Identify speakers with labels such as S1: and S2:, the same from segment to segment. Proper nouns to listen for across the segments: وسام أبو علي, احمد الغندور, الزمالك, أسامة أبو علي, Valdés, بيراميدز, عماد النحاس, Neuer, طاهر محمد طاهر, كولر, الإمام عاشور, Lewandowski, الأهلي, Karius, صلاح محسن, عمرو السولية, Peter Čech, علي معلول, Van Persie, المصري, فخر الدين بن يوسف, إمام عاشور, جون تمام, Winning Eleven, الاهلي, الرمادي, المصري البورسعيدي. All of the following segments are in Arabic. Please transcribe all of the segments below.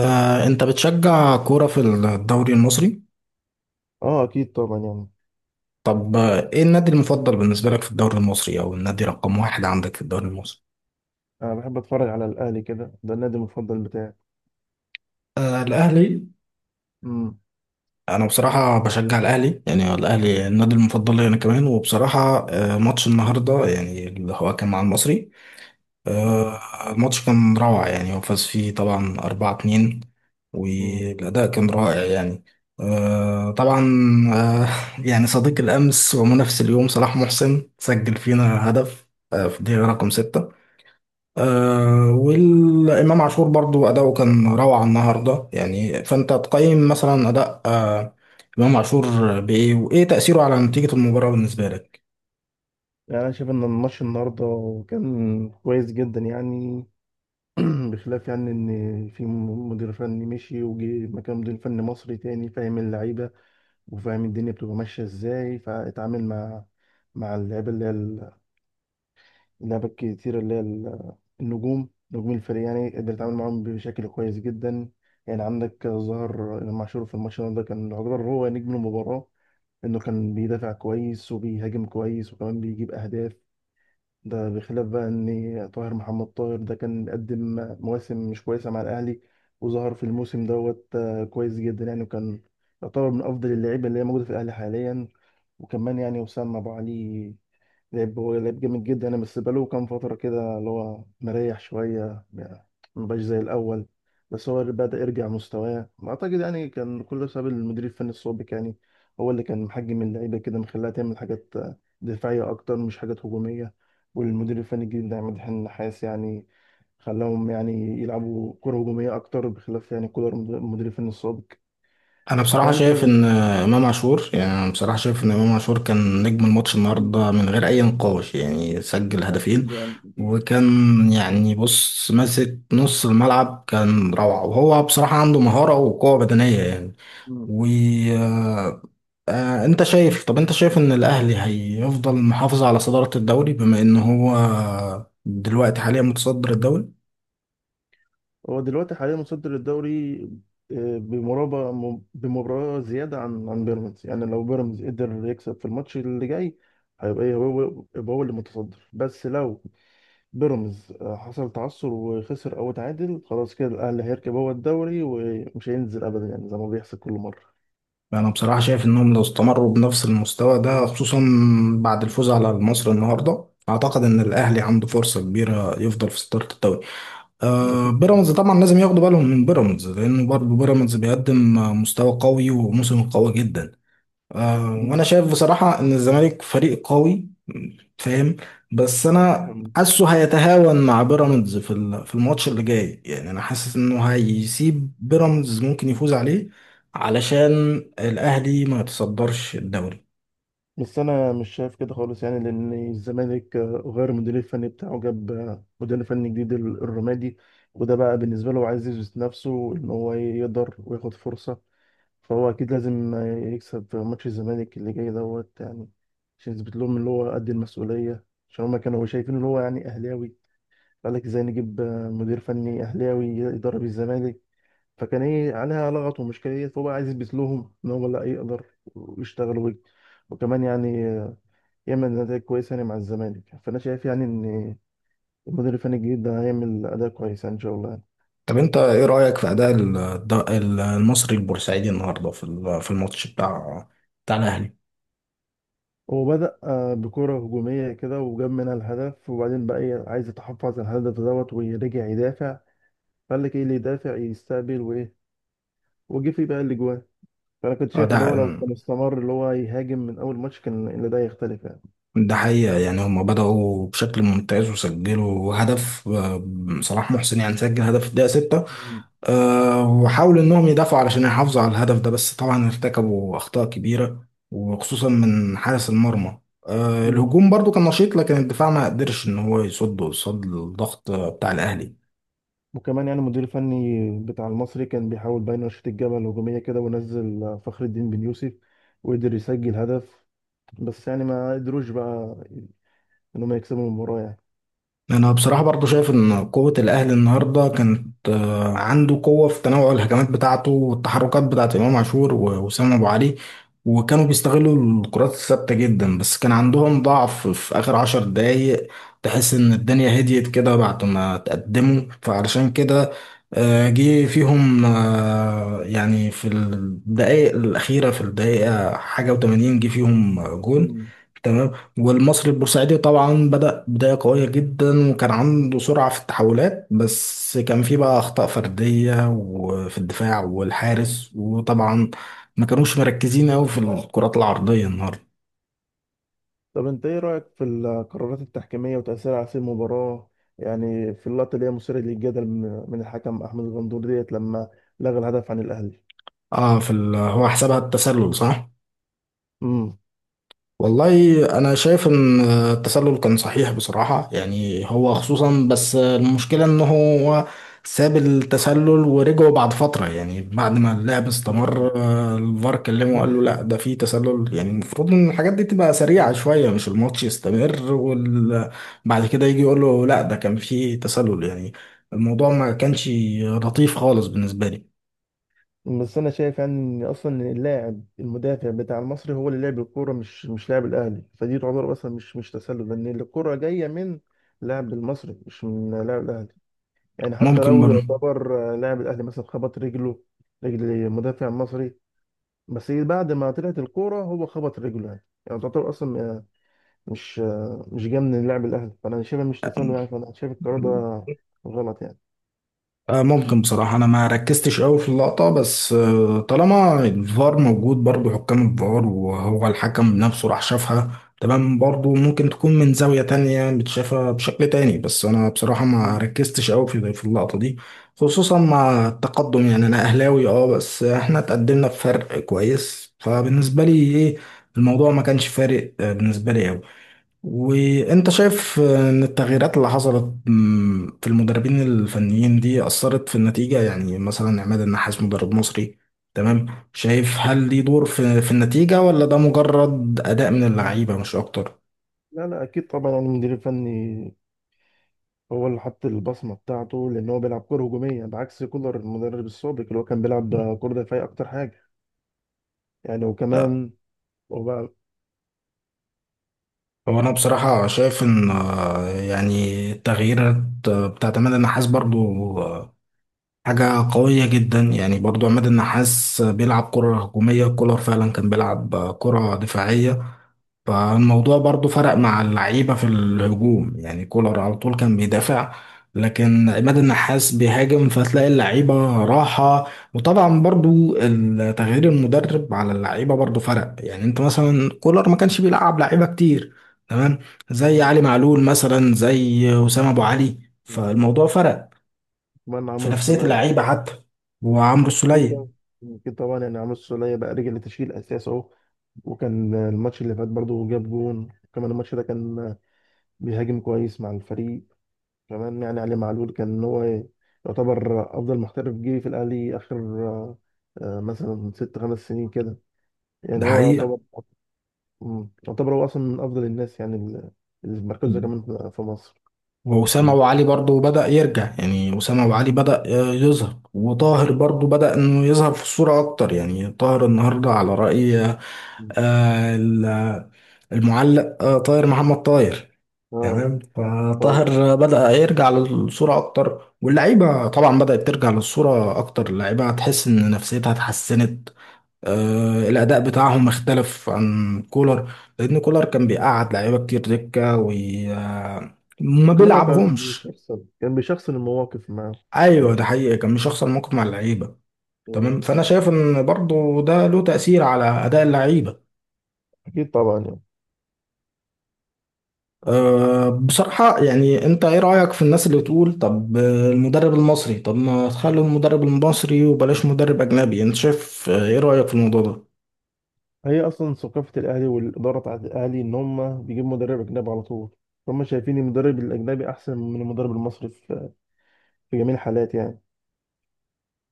S1: انت بتشجع كورة في الدوري المصري؟
S2: اه اكيد طبعا يعني،
S1: طب، ايه النادي المفضل بالنسبة لك في الدوري المصري او النادي رقم واحد عندك في الدوري المصري؟
S2: انا بحب اتفرج على الاهلي كده، ده النادي المفضل بتاعي.
S1: آه، الاهلي.
S2: امم.
S1: انا بصراحة بشجع الاهلي، يعني الاهلي النادي المفضل لي انا كمان. وبصراحة ماتش النهاردة يعني اللي هو كان مع المصري.
S2: اه.
S1: الماتش كان روعة، يعني هو فاز فيه طبعا 4-2.
S2: امم.
S1: والأداء كان رائع يعني. طبعا. آه، يعني صديق الأمس ومنافس اليوم صلاح محسن سجل فينا هدف. في الدقيقة رقم 6. والإمام عاشور برضو أداؤه كان روعة النهاردة، يعني فأنت تقيم مثلا أداء إمام عاشور بإيه؟ وإيه تأثيره على نتيجة المباراة بالنسبة لك؟
S2: يعني انا شايف ان الماتش النهارده كان كويس جدا يعني. بخلاف يعني ان في مدير فني مشي وجه مكان مدير فني مصري تاني فاهم اللعيبه وفاهم الدنيا بتبقى ماشيه ازاي، فاتعامل مع اللعيبه اللي هي لعبة كتير، اللي هي النجوم نجوم الفريق. يعني قدر يتعامل معاهم بشكل كويس جدا. يعني عندك ظهر إمام عاشور في الماتش ده كان يعتبر هو نجم المباراة، إنه كان بيدافع كويس وبيهاجم كويس وكمان بيجيب أهداف. ده بخلاف بقى إن طاهر محمد طاهر ده كان بيقدم مواسم مش كويسة مع الأهلي، وظهر في الموسم دوت كويس جدا يعني، وكان يعتبر من أفضل اللعيبة اللي هي موجودة في الأهلي حاليا. وكمان يعني وسام أبو علي لعب، هو لعب جامد جدا. انا بس بقاله كام فتره كده اللي هو مريح شويه يعني، ما بقاش زي الاول. بس هو بدأ يرجع مستواه، اعتقد يعني كان كله بسبب المدير الفني السابق يعني، هو اللي كان محجم اللعيبه كده، مخليها تعمل حاجات دفاعيه اكتر مش حاجات هجوميه. والمدير الفني الجديد ده عماد النحاس، يعني خلاهم يعني يلعبوا كره هجوميه اكتر، بخلاف يعني كولر المدير الفني السابق.
S1: انا بصراحه
S2: فيعني شايف
S1: شايف ان
S2: ان
S1: امام عاشور يعني أنا بصراحه شايف ان امام عاشور كان نجم الماتش النهارده من غير اي نقاش، يعني سجل هدفين.
S2: أكيد يعني، أكيد.
S1: وكان، يعني بص، ماسك نص الملعب، كان روعه. وهو بصراحه عنده مهاره وقوه بدنيه يعني. وانت شايف طب انت شايف ان الاهلي هيفضل محافظ على صداره الدوري، بما ان هو دلوقتي حاليا متصدر الدوري؟
S2: هو دلوقتي حاليا متصدر الدوري، بمرابع بمباراة زيادة عن بيراميدز. يعني لو بيراميدز قدر يكسب في الماتش اللي جاي، هيبقى ايه، هو يبقى هو اللي متصدر. بس لو بيراميدز حصل تعثر وخسر او اتعادل، خلاص كده الاهلي هيركب هو الدوري ومش هينزل ابدا، يعني زي ما بيحصل كل مرة.
S1: انا بصراحه شايف انهم لو استمروا بنفس المستوى ده،
S2: مم.
S1: خصوصا بعد الفوز على مصر النهارده، اعتقد ان الاهلي عنده فرصه كبيره يفضل في صداره الدوري.
S2: أكيد آه.
S1: بيراميدز طبعا لازم ياخدوا بالهم من بيراميدز، لانه برضه بيراميدز بيقدم مستوى قوي وموسم قوي جدا.
S2: مم.
S1: وانا شايف بصراحة ان الزمالك فريق قوي. فاهم. بس انا حاسه هيتهاون مع بيراميدز في الماتش اللي جاي، يعني انا حاسس انه هيسيب بيراميدز ممكن
S2: مم.
S1: يفوز عليه علشان الاهلي ما يتصدرش الدوري.
S2: بس انا مش شايف كده خالص يعني، لان الزمالك غير المدير الفني بتاعه، جاب مدير فني جديد، الرمادي. وده بقى بالنسبه له عايز يثبت نفسه ان هو يقدر وياخد فرصه، فهو اكيد لازم يكسب في ماتش الزمالك اللي جاي دوت يعني، عشان يثبت لهم ان هو قد المسؤوليه. عشان هما كانوا شايفين ان هو يعني اهلاوي، قال لك ازاي نجيب مدير فني اهلاوي يدرب الزمالك، فكان ايه عليها لغط ومشكلة. فهو بقى عايز يثبت لهم ان هو لا يقدر ويشتغل وكمان يعني يعمل أداء كويس يعني مع الزمالك. فأنا شايف يعني إن المدير الفني الجديد ده هيعمل أداء كويس يعني إن شاء الله يعني.
S1: طب انت ايه رأيك في اداء المصري البورسعيدي النهارده في الماتش بتاع الاهلي؟
S2: هو بدأ بكرة هجومية كده وجاب منها الهدف، وبعدين بقى إيه، عايز يتحفظ على الهدف دوت ويرجع يدافع. فقال لك إيه اللي يدافع يستقبل وإيه، وجه فيه بقى الأجوان. فأنا كنت شايف اللي هو لو
S1: اداء
S2: كان استمر اللي هو يهاجم من أول ماتش، كان اللي ده يختلف يعني.
S1: ده حقيقة، يعني هما بدأوا بشكل ممتاز وسجلوا هدف. صلاح محسن يعني سجل هدف في الدقيقة 6.
S2: مم.
S1: وحاولوا إنهم يدافعوا علشان يحافظوا على الهدف ده، بس طبعا ارتكبوا أخطاء كبيرة، وخصوصا من حارس المرمى.
S2: مم.
S1: الهجوم برضو كان نشيط، لكن الدفاع ما قدرش إن هو يصد قصاد الضغط بتاع الأهلي.
S2: وكمان يعني المدير الفني بتاع المصري كان بيحاول بقى ينشط الجبهة الهجومية كده، ونزل فخر الدين بن يوسف وقدر يسجل هدف، بس يعني ما قدروش بقى انهم يكسبوا المباراة يعني.
S1: انا بصراحه برضو شايف ان قوه الاهلي النهارده كانت عنده قوه في تنوع الهجمات بتاعته والتحركات بتاعت امام عاشور ووسام ابو علي. وكانوا بيستغلوا الكرات الثابته جدا، بس كان عندهم ضعف في اخر 10 دقايق. تحس ان الدنيا هديت كده بعد ما تقدموا، فعلشان كده جه فيهم. يعني في الدقائق الاخيره، في الدقيقه حاجه و80 جه فيهم جون.
S2: مم.
S1: تمام. والمصري البورسعيدي طبعا بدأ بداية قوية جدا، وكان عنده سرعة في التحولات، بس كان فيه بقى أخطاء فردية، وفي الدفاع والحارس، وطبعا ما كانوش مركزين أوي في الكرات العرضية النهاردة.
S2: طب انت ايه رأيك في القرارات التحكيمية وتأثيرها على سير المباراة؟ يعني في اللقطة اللي هي مثيرة للجدل، من الحكم احمد الغندور ديت لما لغى الهدف عن الاهلي.
S1: اه، هو حسبها التسلل، صح؟
S2: امم.
S1: والله انا شايف ان التسلل كان صحيح بصراحة، يعني هو خصوصا، بس المشكلة ان هو ساب التسلل ورجعوا بعد فترة، يعني بعد ما اللعب استمر
S2: مم.
S1: الفار كلمه وقال له لا ده في تسلل. يعني المفروض ان الحاجات دي تبقى سريعة
S2: مم.
S1: شوية، مش الماتش يستمر وبعد كده يجي يقول له لا ده كان في تسلل يعني. الموضوع ما كانش لطيف خالص بالنسبة لي.
S2: بس انا شايف يعني ان اصلا اللاعب المدافع بتاع المصري هو اللي لعب الكوره، مش لاعب الاهلي، فدي تعتبر اصلا مش تسلل، لان الكوره جايه من لاعب المصري مش من لاعب الاهلي. يعني حتى
S1: ممكن
S2: لو
S1: برضه.
S2: يعتبر لاعب الاهلي مثلا خبط رجله رجل مدافع مصري، بس بعد ما طلعت الكوره هو خبط رجله. يعني تعتبر اصلا مش مش جاي من لاعب الاهلي، فانا شايفها مش تسلل يعني، فانا شايف القرار ده غلط يعني.
S1: ممكن بصراحة، أنا ما ركزتش أوي في اللقطة، بس طالما الفار موجود، برضه حكام الفار وهو الحكم نفسه راح شافها. تمام، برضه ممكن تكون من زاوية تانية متشافة بشكل تاني، بس أنا بصراحة ما
S2: مم.
S1: ركزتش أوي في اللقطة دي، خصوصا مع التقدم، يعني أنا أهلاوي أه، بس إحنا اتقدمنا بفرق كويس، فبالنسبة لي، إيه، الموضوع ما كانش فارق بالنسبة لي أوي. وانت شايف ان التغييرات اللي حصلت في المدربين الفنيين دي اثرت في النتيجه، يعني مثلا عماد النحاس مدرب مصري. تمام. شايف، هل ليه دور في النتيجه، ولا ده مجرد اداء من
S2: مم.
S1: اللعيبه مش اكتر؟
S2: لا لا، اكيد طبعا يعني المدير الفني هو اللي حط البصمه بتاعته، لان هو بيلعب كره هجوميه بعكس كولر المدرب السابق اللي هو كان بيلعب كره دفاعيه اكتر حاجه يعني. وكمان هو بقى.
S1: هو انا بصراحه شايف ان يعني التغييرات بتاعت عماد النحاس برضو آه، حاجه قويه جدا. يعني برضو عماد النحاس بيلعب كره هجوميه، كولر فعلا كان بيلعب كره دفاعيه. فالموضوع برضو فرق مع اللعيبة في الهجوم، يعني كولر على طول كان بيدافع، لكن عماد
S2: آه.
S1: النحاس بيهاجم فتلاقي اللعيبة راحة. وطبعا برضو تغيير المدرب على اللعيبة برضو فرق، يعني انت مثلا كولر ما كانش بيلعب لعيبة كتير. تمام. زي
S2: مم.
S1: علي معلول مثلا، زي أسامة أبو علي.
S2: مم.
S1: فالموضوع فرق
S2: كمان
S1: في
S2: عمرو
S1: نفسية
S2: السولية.
S1: اللعيبة حتى. وعمرو
S2: أكيد
S1: السولية.
S2: طبعا. أكيد طبعا يعني عمرو السولية بقى رجع لتشكيل أساس أهو، وكان الماتش اللي فات برضه جاب جون، كمان الماتش ده كان بيهاجم كويس مع الفريق. كمان يعني علي معلول كان هو يعتبر أفضل محترف جه في الأهلي آخر مثلا ست خمس سنين كده يعني،
S1: ده
S2: هو
S1: حقيقة.
S2: يعتبر. مم. يعتبر هو أصلا من أفضل الناس يعني اللي في مركزه كمان في مصر.
S1: وأسامة
S2: مم.
S1: أبو علي برضه بدأ يرجع، يعني أسامة أبو علي
S2: مم.
S1: بدأ يظهر. وطاهر برضه بدأ إنه يظهر في الصورة أكتر، يعني طاهر النهاردة على رأي آه، ال- المعلق، طاهر محمد طاهر.
S2: اه.
S1: تمام،
S2: طيب.
S1: فطاهر بدأ يرجع للصورة أكتر، واللعيبة طبعا بدأت ترجع للصورة أكتر، اللعيبة هتحس إن نفسيتها اتحسنت. الأداء بتاعهم اختلف عن كولر، لأن كولر كان بيقعد لعيبة كتير دكة وما
S2: كمان هو كان
S1: بيلعبهمش.
S2: بيشخصن المواقف معاه. كان
S1: ايوه، ده حقيقي، كان مش هيحصل موقف مع اللعيبه.
S2: بيشخصن.
S1: تمام، فانا شايف ان برضو ده له تاثير على اداء اللعيبه.
S2: اكيد طبعا يعني،
S1: أه، بصراحه، يعني انت ايه رايك في الناس اللي تقول طب، المدرب المصري، طب ما تخلوا المدرب المصري وبلاش مدرب اجنبي؟ انت شايف، ايه رايك في الموضوع ده؟
S2: هي اصلا ثقافه الاهلي والاداره بتاعت الاهلي ان هم بيجيبوا مدرب اجنبي على طول، هم شايفين المدرب الاجنبي احسن من المدرب المصري في جميع الحالات يعني.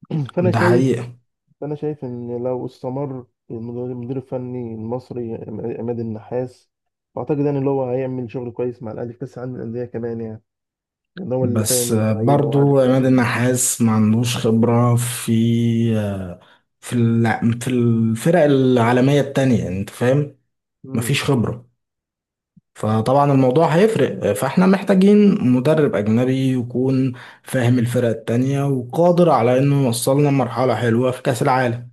S2: فانا
S1: ده
S2: شايف
S1: حقيقه.
S2: فانا شايف ان لو استمر المدير الفني المصري عماد النحاس، واعتقد يعني اللي هو هيعمل شغل كويس مع الاهلي في كاس العالم للانديه كمان يعني، لان هو اللي فاهم
S1: بس
S2: اللعيبه
S1: برضو
S2: وعارف
S1: عماد النحاس ما عندوش خبره في آه، في الفرق العالميه التانية، انت فاهم؟ مفيش خبره. فطبعا الموضوع
S2: مم.
S1: هيفرق، فاحنا محتاجين مدرب أجنبي يكون فاهم الفرق التانية وقادر على إنه يوصلنا لمرحلة حلوة في كأس العالم.